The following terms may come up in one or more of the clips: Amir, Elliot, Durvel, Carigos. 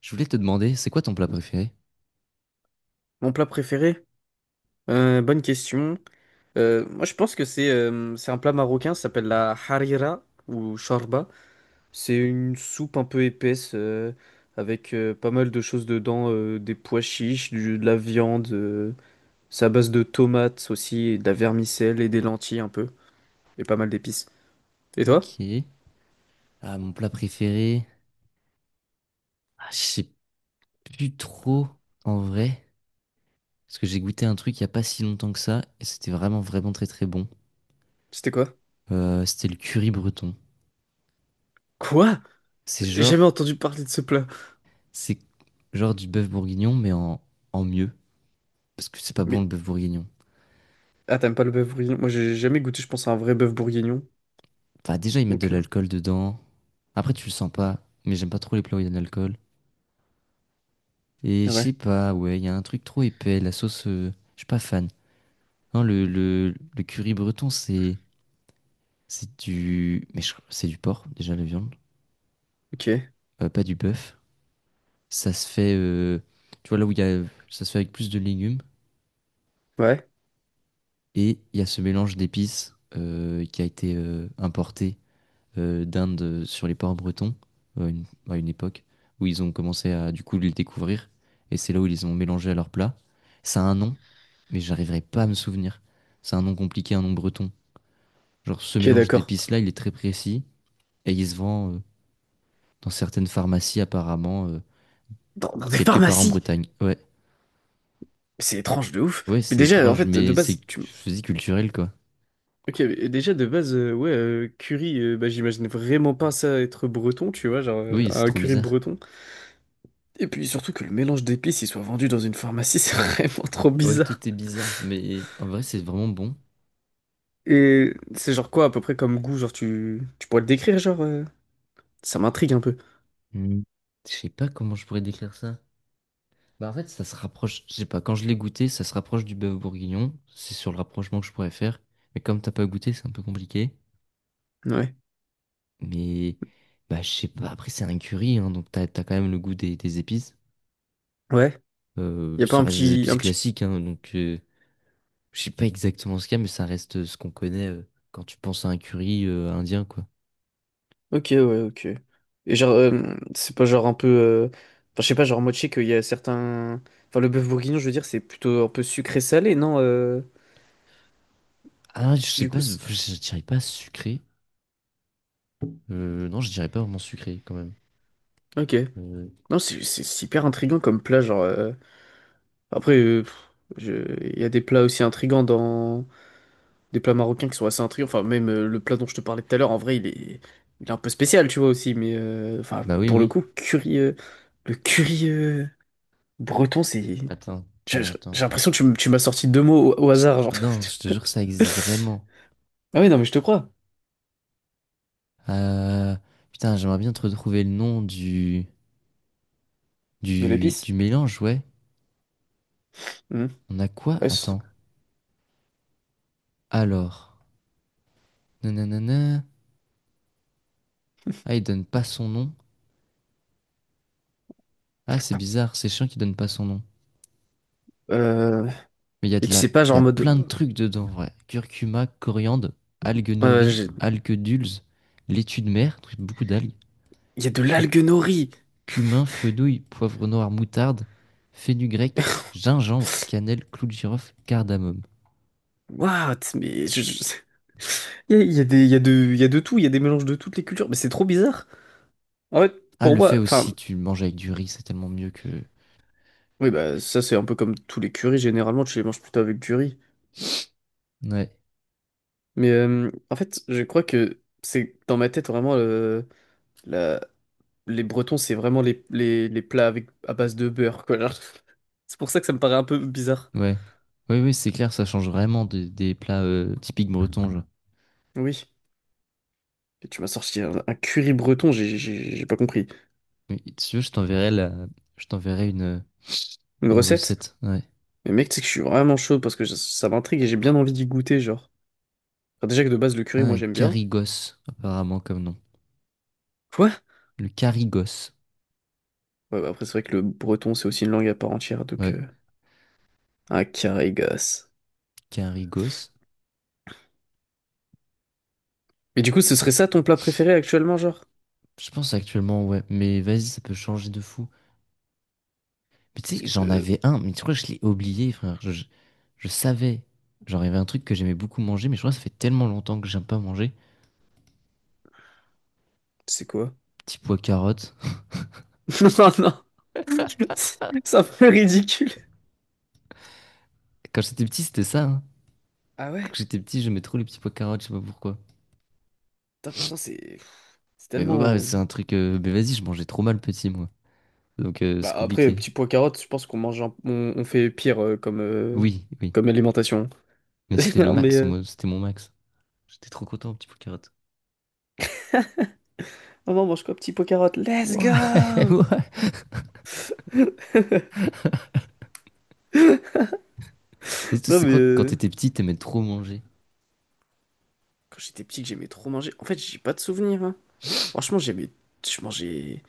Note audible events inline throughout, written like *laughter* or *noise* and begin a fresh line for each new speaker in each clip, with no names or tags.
Je voulais te demander, c'est quoi ton plat préféré?
Mon plat préféré? Bonne question. Moi, je pense que c'est un plat marocain, ça s'appelle la harira ou shorba. C'est une soupe un peu épaisse, avec pas mal de choses dedans, des pois chiches, de la viande. C'est à base de tomates aussi, et de la vermicelle et des lentilles un peu, et pas mal d'épices. Et toi?
Ok. Ah, mon plat préféré. Ah, je sais plus trop en vrai. Parce que j'ai goûté un truc il y a pas si longtemps que ça. Et c'était vraiment, vraiment très, très bon.
C'était quoi?
C'était le curry breton.
Quoi?
C'est
J'ai jamais
genre,
entendu parler de ce plat.
c'est genre du bœuf bourguignon, mais en, en mieux. Parce que c'est pas bon
Mais
le bœuf bourguignon.
ah, t'aimes pas le bœuf bourguignon? Moi, j'ai jamais goûté, je pense, à un vrai bœuf bourguignon.
Enfin, déjà, ils mettent de
Donc,
l'alcool dedans. Après, tu le sens pas. Mais j'aime pas trop les plats où il y a de l'alcool. Et je sais
ouais.
pas, ouais, il y a un truc trop épais. La sauce, je suis pas fan. Non, le curry breton, c'est. C'est du. C'est du porc, déjà, la viande.
Ok.
Pas du bœuf. Ça se fait. Tu vois, là où il y a. Ça se fait avec plus de légumes.
Ouais.
Et il y a ce mélange d'épices qui a été importé d'Inde sur les ports bretons euh, une- à une époque où ils ont commencé à, du coup, les découvrir. Et c'est là où ils les ont mélangés à leur plat. Ça a un nom, mais j'arriverai pas à me souvenir. C'est un nom compliqué, un nom breton. Genre, ce
Ok,
mélange
d'accord.
d'épices-là, il est très précis. Et il se vend dans certaines pharmacies, apparemment.
Dans des
Quelque part en
pharmacies.
Bretagne. Ouais.
C'est étrange de ouf.
Ouais,
Mais
c'est
déjà, en
étrange,
fait, de
mais c'est
base, tu.
je dis culturel, quoi.
Ok, mais déjà, de base, ouais, curry, bah, j'imagine vraiment pas ça être breton, tu vois, genre
Oui, c'est
un
trop
curry
bizarre.
breton. Et puis surtout que le mélange d'épices, il soit vendu dans une pharmacie, *laughs* c'est vraiment trop
Ouais,
bizarre.
tout est bizarre, mais en vrai, c'est vraiment bon.
Et c'est genre quoi à peu près comme goût, genre tu pourrais le décrire, genre ça m'intrigue un peu.
Hmm. Je sais pas comment je pourrais décrire ça. Bah, en fait, ça se rapproche, je sais pas, quand je l'ai goûté, ça se rapproche du bœuf bourguignon. C'est sur le rapprochement que je pourrais faire. Mais comme t'as pas goûté, c'est un peu compliqué.
Ouais.
Mais, bah, je sais pas, après, c'est un curry, hein, donc t'as, t'as quand même le goût des épices.
Ouais.
Euh,
Y a pas
ça
un
reste des
petit,
épices
un petit
classiques, hein, donc. Je sais pas exactement ce qu'il y a, mais ça reste ce qu'on connaît quand tu penses à un curry indien, quoi.
Ok, ouais, ok. Et genre, c'est pas genre un peu. Enfin, je sais pas, genre, moi, je sais qu'il y a certains. Enfin, le bœuf bourguignon, je veux dire, c'est plutôt un peu sucré-salé, non?
Ah, je sais
Du
pas,
coup,
je je dirais pas sucré. Non, je dirais pas vraiment sucré quand même.
ok.
Euh,
Non, c'est hyper intriguant comme plat, genre. Après, pff, je- il y a des plats aussi intrigants dans. Des plats marocains qui sont assez intrigants. Enfin, même le plat dont je te parlais tout à l'heure, en vrai, il est un peu spécial, tu vois, aussi. Mais, enfin,
bah oui,
pour le
oui.
coup, curry. Le curry breton, c'est.
Attends,
J'ai
attends, attends.
j'ai l'impression que tu m'as sorti deux mots au hasard, genre.
Non, je te jure que ça existe
*laughs*
vraiment.
Ah oui, non, mais je te crois.
Euh, putain, j'aimerais bien te retrouver le nom du,
De
du
l'épice.
mélange, ouais.
Mhm.
On a quoi?
Ouais,
Attends. Alors. Nanana. Ah, il donne pas son nom. Ah, c'est bizarre, c'est chiant qu'il donne pas son nom.
euh,
Mais il y a
mais
de
tu
la...
sais pas,
il y
genre en
a plein de
mode.
trucs dedans, en vrai. Curcuma, coriandre, algues
euh,
nori,
j'ai-
algues dulses, laitue de mer, beaucoup d'algues,
Il y a de
cu-
l'algue nori.
cumin, fenouil, poivre noir, moutarde, grec,
*laughs*
gingembre, cannelle, clou de girofle, cardamome.
What? Mais *laughs* il y a, de, il y a de tout, il y a des mélanges de toutes les cultures, mais c'est trop bizarre. En fait,
Ah,
pour
le fait
moi, enfin,
aussi, tu le manges avec du riz, c'est tellement mieux que...
oui, bah, ça c'est un peu comme tous les currys, généralement tu les manges plutôt avec du riz.
Ouais,
Mais en fait, je crois que c'est dans ma tête vraiment la, les Bretons, c'est vraiment les plats avec, à base de beurre, quoi. Genre. *laughs* C'est pour ça que ça me paraît un peu bizarre.
ouais. Oui, oui, c'est clair, ça change vraiment des plats typiques bretons, genre.
Oui. Et tu m'as sorti un curry breton, j'ai pas compris.
Mais si tu veux, je t'enverrai la... je t'enverrai
Une
une
recette?
recette. Ouais.
Mais mec, tu sais que je suis vraiment chaud parce que ça m'intrigue et j'ai bien envie d'y goûter, genre. Enfin, déjà que de base, le
Ah,
curry, moi,
un
j'aime bien.
carigos, apparemment, comme nom.
Quoi?
Le Carigos.
Ouais, bah après, c'est vrai que le breton, c'est aussi une langue à part entière, donc...
Ouais,
euh, un carré gosse.
Carigos.
Mais du coup, ce serait ça ton plat préféré actuellement, genre?
Je pense actuellement, ouais. Mais vas-y, ça peut changer de fou. Mais tu
Parce
sais,
que...
j'en
euh,
avais un, mais tu crois que je l'ai oublié, frère. Je savais. Genre, il y avait un truc que j'aimais beaucoup manger, mais je crois que ça fait tellement longtemps que j'aime pas manger.
c'est quoi?
Petit pois carottes. *laughs*
*laughs* Non, non! *laughs* C'est un peu ridicule.
Quand j'étais petit, c'était ça, hein.
Ah
Quand
ouais?
j'étais petit, j'aimais trop les petits pois carottes, je sais pas pourquoi.
Putain, pourtant, c'est
Mais ouais, ouais,
tellement.
c'est un truc. Mais vas-y, je mangeais trop mal petit, moi. Donc,
Bah,
c'est
après,
compliqué.
petit pois carotte, je pense qu'on mange, on fait pire comme,
Oui, oui.
comme alimentation.
Mais
*laughs*
c'était le
Non mais,
max, moi. C'était mon max. J'étais trop content, petit pois carottes.
maman, mange quoi, petit pois carotte? Let's
Ouais, *laughs*
go!
ouais. Et toi,
Non
c'est
mais,
quoi quand t'étais petit, t'aimais trop manger?
quand j'étais petit, que j'aimais trop manger. En fait, j'ai pas de souvenirs. Hein. Franchement, j'aimais, je mangeais.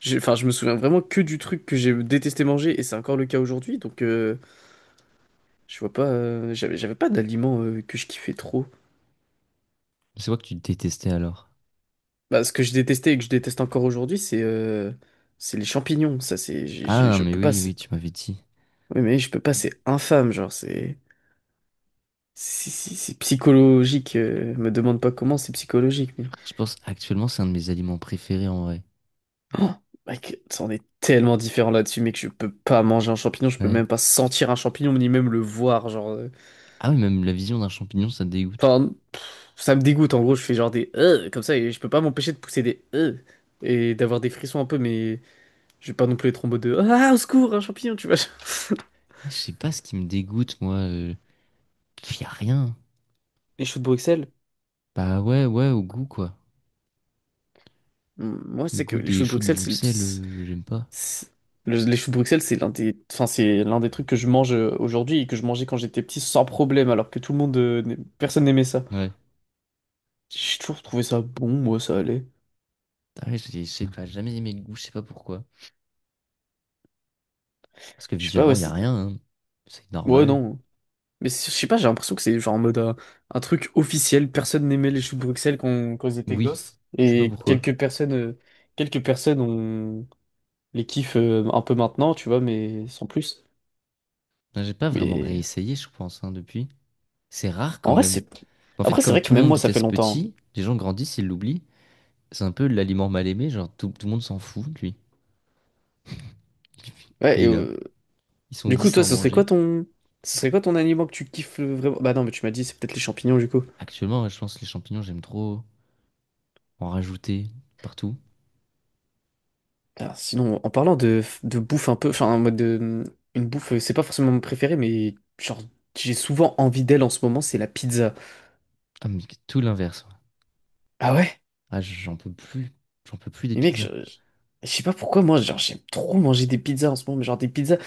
Enfin, je me souviens vraiment que du truc que j'ai détesté manger, et c'est encore le cas aujourd'hui. Donc, je vois pas. J'avais pas d'aliments que je kiffais trop.
C'est quoi que tu détestais alors?
Bah, ce que je détestais et que je déteste encore aujourd'hui, c'est les champignons. Ça, c'est,
Ah,
je
mais
peux pas.
oui, oui, tu m'avais dit.
Oui, mais oui, je peux pas, c'est infâme, genre, c'est. C'est psychologique. Me demande pas comment, c'est psychologique, mais.
Je pense actuellement c'est un de mes aliments préférés en vrai.
Oh, mec, ça, on est tellement différent là-dessus, mec, je peux pas manger un champignon, je peux
Ouais.
même pas sentir un champignon, ni même le voir, genre.
Ah oui, même la vision d'un champignon, ça me dégoûte.
Enfin, ça me dégoûte, en gros, je fais genre des. Comme ça, et je peux pas m'empêcher de pousser des. Et d'avoir des frissons un peu, mais. Je vais pas non plus être en mode de. Ah, au secours, un champignon, tu vois.
Ah, je sais pas ce qui me dégoûte, moi. Y a rien.
*laughs* Les choux de Bruxelles?
Bah ouais, ouais, au goût quoi.
Moi, je
Le
sais que
goût
les
des
choux de
choux de
Bruxelles, c'est le...
Bruxelles, j'aime pas.
C'est- les choux de Bruxelles, c'est l'un des, enfin, c'est l'un des trucs que je mange aujourd'hui et que je mangeais quand j'étais petit sans problème, alors que tout le monde, personne n'aimait ça.
Ouais.
J'ai toujours trouvé ça bon, moi, ça allait.
Ah ouais, je sais pas, jamais aimé le goût, je sais pas pourquoi. Parce que
Je sais pas, ouais,
visuellement, y a rien. Hein. C'est
ouais,
normal.
non. Mais je sais pas, j'ai l'impression que c'est genre en mode un truc officiel. Personne n'aimait les choux de Bruxelles quand ils étaient
Oui,
gosses.
je sais pas
Et
pourquoi.
quelques personnes ont les kiffent un peu maintenant, tu vois, mais sans plus.
Non, j'ai pas vraiment
Mais
réessayé, je pense, hein, depuis. C'est rare quand
en vrai,
même.
c'est.
En fait,
Après, c'est
comme
vrai
tout
que
le
même
monde
moi, ça fait
déteste
longtemps.
Petit, les gens grandissent, ils l'oublient. C'est un peu l'aliment mal aimé, genre tout, tout le monde s'en fout de lui.
Hein. Ouais,
Il est là.
et,
Ils sont
du coup,
10 à
toi,
en
ce serait
manger.
quoi ton. Ce serait quoi ton aliment que tu kiffes vraiment? Bah non, mais tu m'as dit, c'est peut-être les champignons, du coup.
Actuellement, ouais, je pense que les champignons, j'aime trop en rajouter partout.
Alors, sinon, en parlant de bouffe un peu, enfin, en mode de. Une bouffe, c'est pas forcément mon préféré, mais genre, j'ai souvent envie d'elle en ce moment, c'est la pizza.
Ah, mais tout l'inverse. Ouais.
Ah ouais?
Ah, j'en peux plus. J'en peux plus des
Mais mec,
pizzas.
je sais pas pourquoi, moi, genre, j'aime trop manger des pizzas en ce moment, mais genre des pizzas,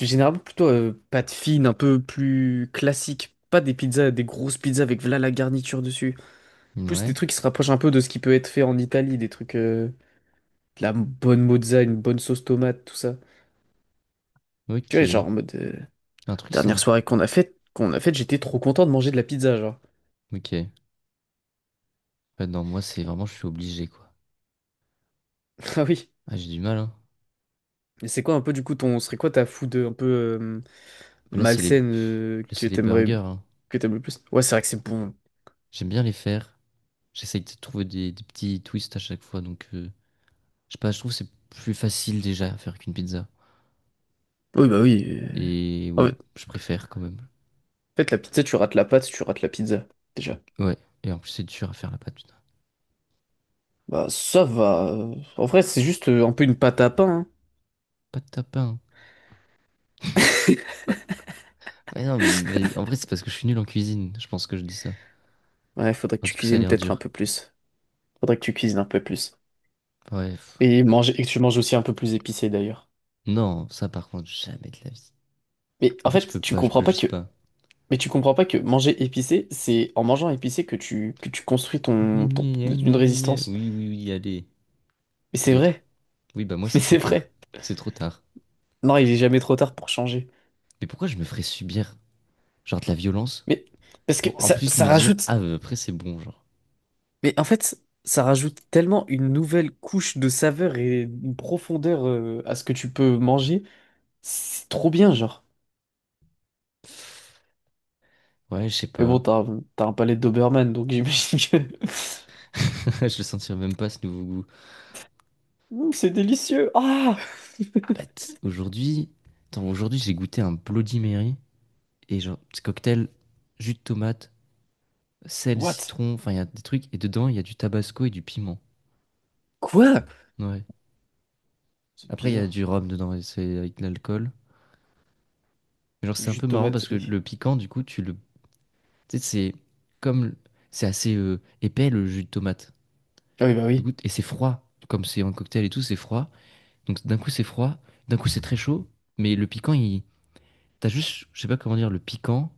généralement plutôt pâte fine, un peu plus classique. Pas des pizzas, des grosses pizzas avec voilà la garniture dessus. Plus des
Ouais.
trucs qui se rapprochent un peu de ce qui peut être fait en Italie, des trucs, de la bonne mozza, une bonne sauce tomate, tout ça. Tu vois, genre
Ok.
en mode
Un truc
dernière
simple.
soirée qu'on a faite, j'étais trop content de manger de la pizza, genre.
Ok. Ouais, non, moi, c'est vraiment, je suis obligé, quoi.
*laughs* Ah oui.
Ah, j'ai du mal, hein.
Et c'est quoi un peu du coup serait quoi ta food un peu
Là, c'est les,
malsaine
pff, là,
que
c'est les
t'aimerais,
burgers, hein.
que t'aimes le plus? Ouais, c'est vrai que c'est bon.
J'aime bien les faire. J'essaye de trouver des petits twists à chaque fois, donc. Je sais pas, je trouve que c'est plus facile déjà à faire qu'une pizza.
Oui, bah oui.
Et
En
ouais,
fait,
je préfère quand même.
en fait, la pizza, tu rates la pâte, tu rates la pizza, déjà.
Ouais, et en plus c'est dur à faire la pâte, putain.
Bah ça va. En vrai, c'est juste un peu une pâte à pain.
Pâte tapin.
Hein.
Hein. Ouais, non, mais en vrai c'est parce que je suis nul en cuisine, je pense que je dis ça.
*laughs* Ouais, faudrait que
Alors,
tu
du coup ça a
cuisines
l'air
peut-être un
dur.
peu plus. Faudrait que tu cuisines un peu plus.
Ouais.
Et manger, et que tu manges aussi un peu plus épicé d'ailleurs.
Non, ça par contre, jamais de la vie.
Mais
En
en
fait je
fait,
peux pas, je peux juste pas.
tu comprends pas que manger épicé, c'est en mangeant épicé que tu construis
Gna,
ton,
gna, gna, gna,
une
gna, gna.
résistance.
Oui, oui, oui, allez.
Mais
À
c'est
d'autres.
vrai,
Oui, bah moi
*laughs* mais
c'est trop
c'est
tard.
vrai.
C'est trop tard.
Non, il est jamais trop tard pour changer.
Mais pourquoi je me ferais subir, genre de la violence,
Mais parce que
pour en
ça
plus
ça
me dire,
rajoute,
ah bah, après c'est bon, genre.
mais en fait, ça rajoute tellement une nouvelle couche de saveur et une profondeur à ce que tu peux manger. C'est trop bien, genre.
Ouais, je sais
Mais bon,
pas.
t'as un palais de Doberman, donc j'imagine que *laughs*
*laughs* Je le sentirais même pas ce nouveau goût.
Mm, c'est délicieux. Ah!
Bah,
*laughs*
aujourd'hui, attends, aujourd'hui j'ai goûté un Bloody Mary et genre petit cocktail jus de tomate, sel,
What?
citron, enfin il y a des trucs et dedans il y a du tabasco et du piment.
Quoi?
Ouais.
C'est
Après il y a
bizarre.
du rhum dedans et c'est avec de l'alcool. Mais genre c'est un
Jus de
peu marrant
tomate
parce que
et...
le piquant du coup tu le tu sais c'est comme c'est assez épais le jus de tomate.
Ah oui, bah
Du
oui.
coup et c'est froid comme c'est un cocktail et tout, c'est froid. Donc d'un coup c'est froid, d'un coup c'est très chaud, mais le piquant il t'as juste, je sais pas comment dire, le piquant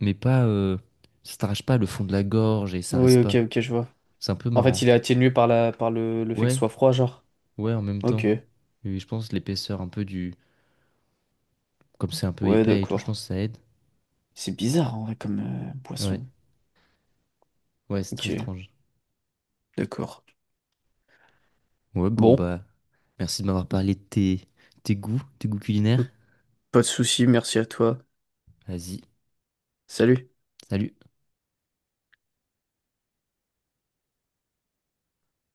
mais pas, ça t'arrache pas le fond de la gorge et ça
Oui,
reste
ok,
pas.
ok, je vois.
C'est un peu
En fait,
marrant.
il est atténué par par le fait que ce
Ouais,
soit froid, genre.
ouais, en même
Ok,
temps. Oui, je pense l'épaisseur un peu du, comme c'est un peu
ouais,
épais et tout, je
d'accord.
pense que ça aide.
C'est bizarre, en vrai, comme
Ouais,
boisson.
ouais, c'est très
Ok,
étrange.
d'accord.
Ouais, bon
Bon,
bah, merci de m'avoir parlé de tes, tes goûts culinaires.
pas de souci, merci à toi.
Vas-y,
Salut.
salut.